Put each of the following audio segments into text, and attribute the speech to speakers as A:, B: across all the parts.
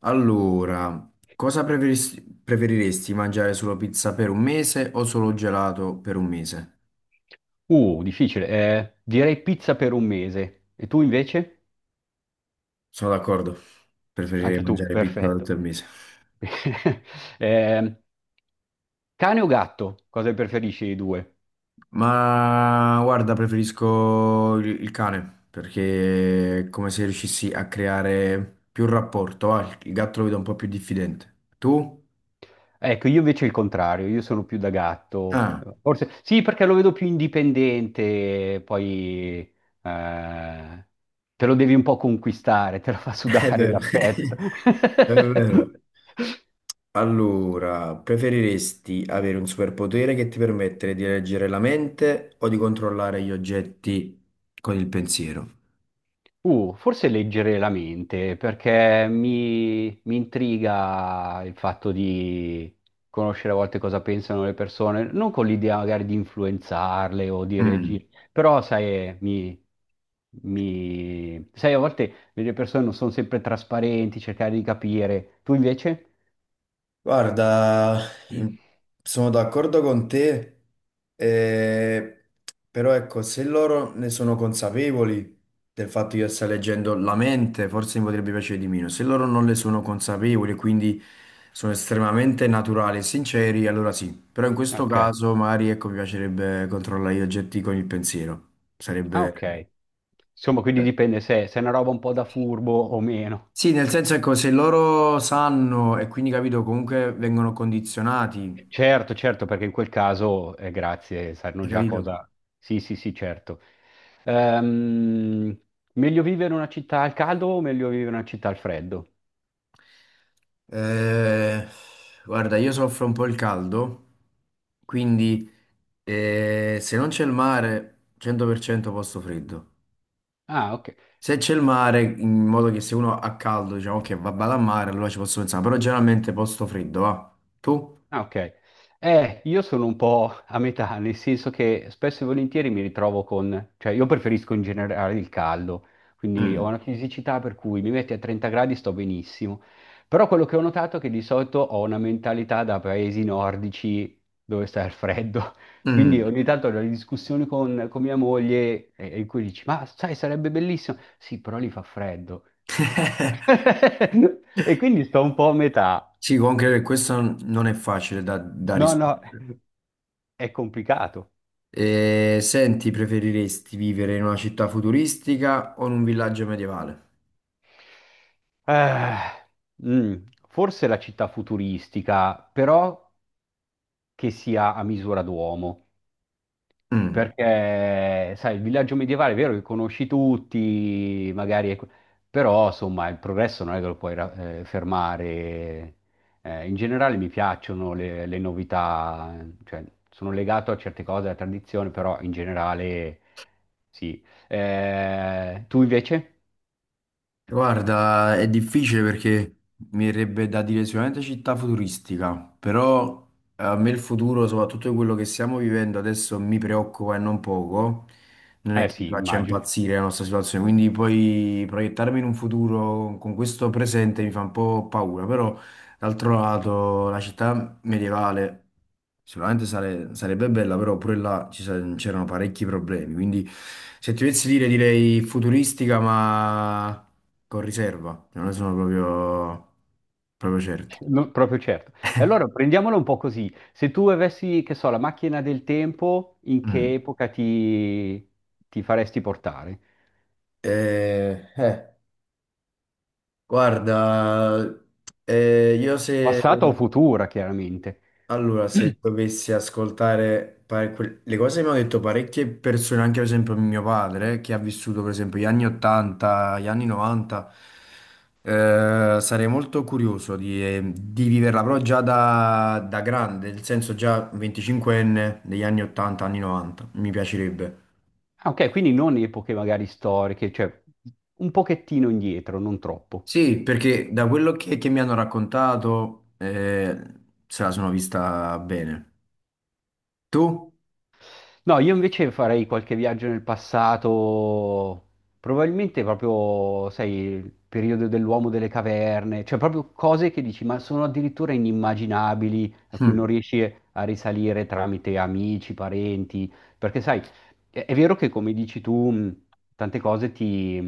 A: Allora, cosa preferiresti mangiare solo pizza per un mese o solo gelato per un mese?
B: Difficile. Direi pizza per un mese. E tu invece?
A: Sono d'accordo, preferirei
B: Anche tu, ok,
A: mangiare pizza tutto
B: perfetto.
A: il mese.
B: Eh, Cane o gatto? Cosa preferisci dei due?
A: Ma guarda, preferisco il cane perché è come se riuscissi a creare più rapporto. Va. Il gatto lo vedo un po' più diffidente. Tu?
B: Ecco, io invece il contrario, io sono più da gatto.
A: Ah,
B: Forse sì, perché lo vedo più indipendente, poi eh, te lo devi un po' conquistare, te lo fa
A: è
B: sudare
A: vero,
B: l'affetto.
A: è vero. Allora, preferiresti avere un superpotere che ti permette di leggere la mente o di controllare gli oggetti con il pensiero?
B: Forse leggere la mente, perché mi intriga il fatto di conoscere a volte cosa pensano le persone, non con l'idea magari di influenzarle o di
A: Mm.
B: reagire, però sai, a volte le persone non sono sempre trasparenti, cercare di capire. Tu invece?
A: Guarda,
B: Mm.
A: in- sono d'accordo con te, eh, però ecco, se loro ne sono consapevoli del fatto che io stia leggendo la mente, forse mi potrebbe piacere di meno. Se loro non ne sono consapevoli, e quindi sono estremamente naturali e sinceri, allora sì. Però in questo
B: Ok.
A: caso magari ecco, mi piacerebbe controllare gli oggetti con il pensiero.
B: Ah,
A: Sarebbe.
B: ok. Insomma, quindi
A: eh,
B: dipende se è una roba un po' da furbo o meno.
A: Sì, nel senso ecco, se loro sanno e quindi capito, comunque vengono condizionati,
B: Certo, certo, perché in quel caso, grazie, sanno
A: hai
B: già
A: capito?
B: cosa. Sì, sì, sì, certo. Ehm, Meglio vivere in una città al caldo o meglio vivere in una città al freddo?
A: Eh, guarda, io soffro un po' il caldo, quindi se non c'è il mare, 100% posto freddo.
B: Ah, ok.
A: Se c'è il mare, in modo che se uno ha caldo, diciamo che va vado al mare, allora ci posso pensare, però generalmente posto freddo, va. Tu?
B: Ah, ok. Io sono un po' a metà, nel senso che spesso e volentieri mi ritrovo con, cioè io preferisco in generale il caldo, quindi ho
A: Mm.
B: una fisicità per cui mi metti a 30 gradi sto benissimo, però quello che ho notato è che di solito ho una mentalità da paesi nordici dove sta il freddo, quindi
A: Mm.
B: ogni tanto ho delle discussioni con, mia moglie in cui dici, ma sai, sarebbe bellissimo, sì, però lì fa freddo. E quindi sto un po' a metà.
A: Sì, comunque questo non è facile da
B: No,
A: rispondere.
B: no. È complicato.
A: Senti, preferiresti vivere in una città futuristica o in un villaggio medievale?
B: Eh, mm, Forse la città futuristica, però che sia a misura d'uomo.
A: Mm.
B: Perché, sai, il villaggio medievale è vero che conosci tutti, magari, però insomma il progresso non è che lo puoi fermare. In generale mi piacciono le novità, cioè sono legato a certe cose, alla tradizione, però in generale sì. Tu invece?
A: Guarda, è difficile perché mi verrebbe da dire sicuramente città futuristica, però a me il futuro, soprattutto quello che stiamo vivendo adesso, mi preoccupa e non poco. Non è
B: Eh
A: che mi
B: sì,
A: faccia
B: immagino.
A: impazzire la nostra situazione, quindi poi proiettarmi in un futuro con questo presente mi fa un po' paura, però d'altro lato la città medievale sicuramente sarebbe bella, però pure là c'erano parecchi problemi, quindi se ti dovessi dire direi futuristica, ma con riserva, cioè non ne sono proprio, proprio certo.
B: No, proprio certo. E allora prendiamolo un po' così. Se tu avessi, che so, la macchina del tempo, in che
A: Mm.
B: epoca ti faresti portare?
A: Eh, eh, guarda, io se
B: Passata o futura, chiaramente.
A: allora se dovessi ascoltare le cose che mi hanno detto parecchie persone, anche per esempio mio padre, che ha vissuto per esempio gli anni 80, gli anni 90, sarei molto curioso di viverla, però già da grande, nel senso già 25enne degli anni 80, anni 90, mi piacerebbe.
B: Ah, ok, quindi non epoche magari storiche, cioè un pochettino indietro, non troppo.
A: Sì, perché da quello che mi hanno raccontato se la sono vista bene. Tu?
B: No, io invece farei qualche viaggio nel passato, probabilmente proprio, sai, il periodo dell'uomo delle caverne, cioè proprio cose che dici, ma sono addirittura inimmaginabili, a cui non
A: Mm.
B: riesci a risalire tramite amici, parenti, perché sai, è vero che come dici tu, tante cose ti,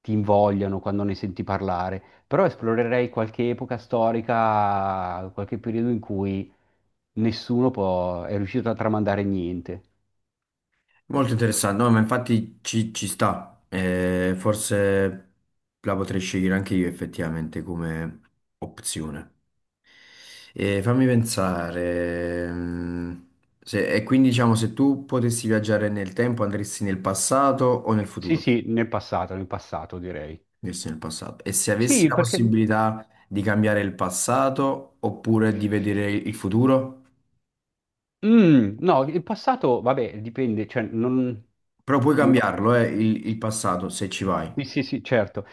B: ti invogliano quando ne senti parlare, però esplorerei qualche epoca storica, qualche periodo in cui nessuno è riuscito a tramandare niente.
A: Molto interessante, no, ma infatti ci sta. Forse la potrei scegliere anche io effettivamente come opzione. E fammi pensare, e quindi diciamo se tu potessi viaggiare nel tempo andresti nel passato o nel
B: Sì,
A: futuro?
B: sì, nel passato direi.
A: Verso nel passato. E se avessi
B: Sì,
A: la
B: perché.
A: possibilità di cambiare il passato oppure di vedere il futuro?
B: Mm, no, il passato, vabbè, dipende, cioè, non.
A: Però puoi
B: mi-
A: cambiarlo, il passato, se ci vai.
B: Sì, sì, sì, certo.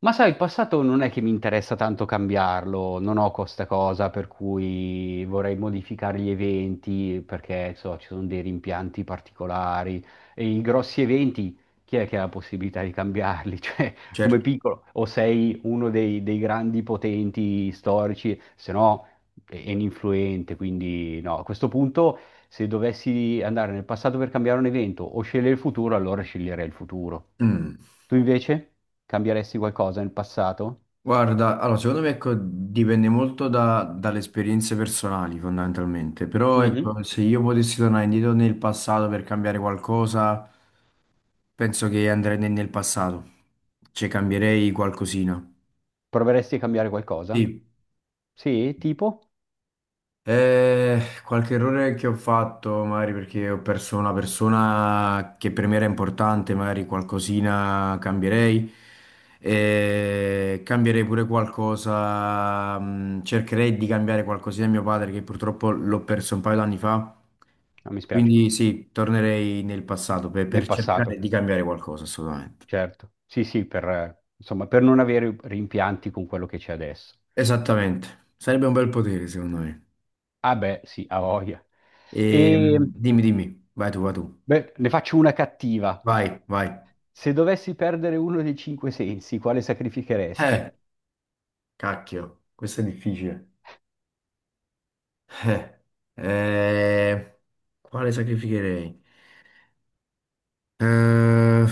B: Ma sai, il passato non è che mi interessa tanto cambiarlo, non ho questa cosa per cui vorrei modificare gli eventi perché so, ci sono dei rimpianti particolari e i grossi eventi, chi è che ha la possibilità di cambiarli? Cioè, come
A: Certo.
B: piccolo, o sei uno dei grandi potenti storici, se no è influente, quindi no, a questo punto se dovessi andare nel passato per cambiare un evento o scegliere il futuro, allora sceglierei il futuro.
A: Mm.
B: Tu invece cambieresti qualcosa nel passato?
A: Guarda, allora, secondo me ecco, dipende molto dalle esperienze personali, fondamentalmente. Però
B: Mhm.
A: ecco, se io potessi tornare indietro nel passato per cambiare qualcosa, penso che andrei nel passato. Cioè, cambierei qualcosina.
B: Proveresti a cambiare qualcosa?
A: Sì.
B: Sì, tipo?
A: Qualche errore che ho fatto, magari perché ho perso una persona che per me era importante, magari qualcosina cambierei. Cambierei pure qualcosa, cercherei di cambiare qualcosina a mio padre che purtroppo l'ho perso un paio d'anni fa.
B: No, mi spiace.
A: Quindi sì, tornerei nel passato per,
B: Nel,
A: per
B: ecco, passato,
A: cercare di cambiare qualcosa, assolutamente.
B: certo. Sì, sì, per, insomma, per non avere rimpianti con quello che c'è adesso.
A: Esattamente, sarebbe un bel potere secondo me.
B: Ah beh, sì, a voglia.
A: E,
B: E
A: dimmi, dimmi, vai tu, vai tu,
B: beh, ne faccio una cattiva.
A: vai, vai.
B: Se dovessi perdere uno dei cinque sensi, quale
A: Eh.
B: sacrificheresti?
A: Cacchio, questo è difficile. Eh, eh, quale sacrificherei? Eh,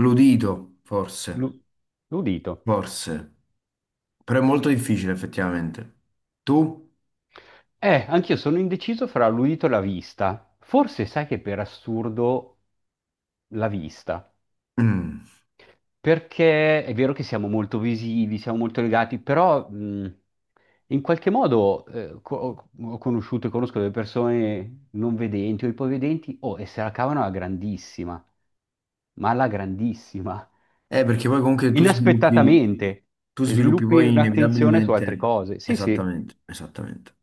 A: l'udito, forse,
B: L'u- L'udito.
A: forse. Però è molto difficile, effettivamente. Tu?
B: Anch'io sono indeciso fra l'udito e la vista. Forse sai che per assurdo la vista,
A: Mm.
B: perché è vero che siamo molto visivi, siamo molto legati, però in qualche modo ho conosciuto e conosco delle persone non vedenti o ipovedenti, oh, e se la cavano alla grandissima, ma alla grandissima,
A: Perché poi comunque
B: inaspettatamente,
A: tu
B: e
A: sviluppi
B: sviluppi
A: poi
B: un'attenzione su altre
A: inevitabilmente.
B: cose. Sì, sì.
A: Esattamente, esattamente.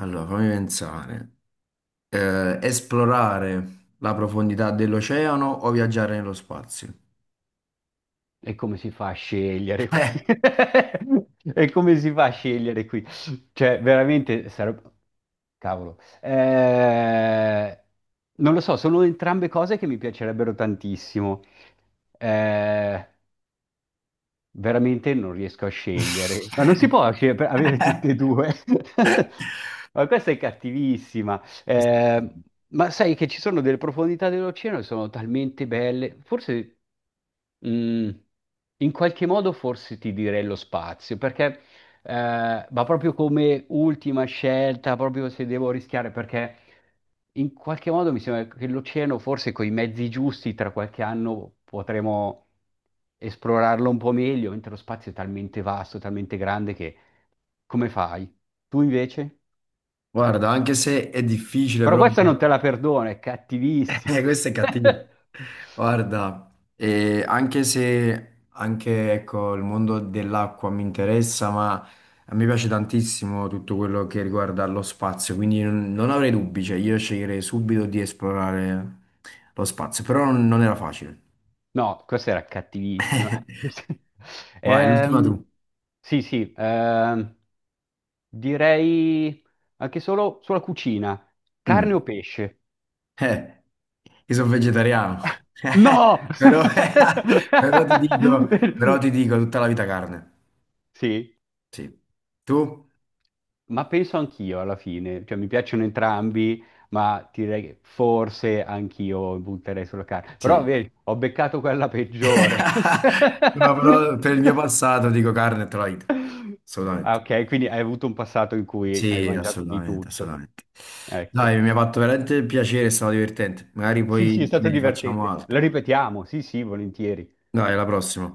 A: Allora, fammi pensare. Esplorare la profondità dell'oceano o viaggiare nello spazio?
B: E come si fa a scegliere
A: Eh.
B: qui? E come si fa a scegliere qui? Cioè, veramente sarebbe. Cavolo. Non lo so, sono entrambe cose che mi piacerebbero tantissimo. Eh, Veramente non riesco a scegliere. Ma non si può avere tutte e due. Ma questa è cattivissima. Ma sai che ci sono delle profondità dell'oceano che sono talmente belle. Forse. Mm, In qualche modo forse ti direi lo spazio, perché ma proprio come ultima scelta, proprio se devo rischiare, perché in qualche modo mi sembra che l'oceano, forse con i mezzi giusti, tra qualche anno potremo esplorarlo un po' meglio, mentre lo spazio è talmente vasto, talmente grande che come fai? Tu invece?
A: Guarda, anche se è difficile,
B: Però
A: però
B: questa non te la perdono, è cattivissima.
A: questo è cattivo. Guarda, anche se anche ecco, il mondo dell'acqua mi interessa, ma a me piace tantissimo tutto quello che riguarda lo spazio, quindi non avrei dubbi, cioè io sceglierei subito di esplorare lo spazio, però non era facile.
B: No, questa era cattivissima.
A: Vai, l'ultima
B: Ehm,
A: tu.
B: sì, sì, direi anche solo sulla cucina. Carne
A: Mm.
B: o pesce?
A: Eh, io sono vegetariano, Eh,
B: No!
A: però, però ti dico, però ti dico tutta la vita carne.
B: Sì,
A: Sì. Tu?
B: ma penso anch'io alla fine, cioè mi piacciono entrambi, ma ti direi che forse anch'io butterei sulla carne. Però
A: Sì.
B: vedi, ho beccato quella peggiore.
A: No, però per il mio passato dico carne e tutta la vita.
B: Ah,
A: Assolutamente.
B: ok, quindi hai avuto un passato in cui hai
A: Sì,
B: mangiato di
A: assolutamente,
B: tutto.
A: assolutamente.
B: Ecco.
A: Dai, mi ha fatto veramente piacere, è stato divertente. Magari
B: Sì, sì, è
A: poi ne
B: stato
A: rifacciamo
B: divertente. Lo
A: altre.
B: ripetiamo, sì, sì, volentieri.
A: Dai, alla prossima.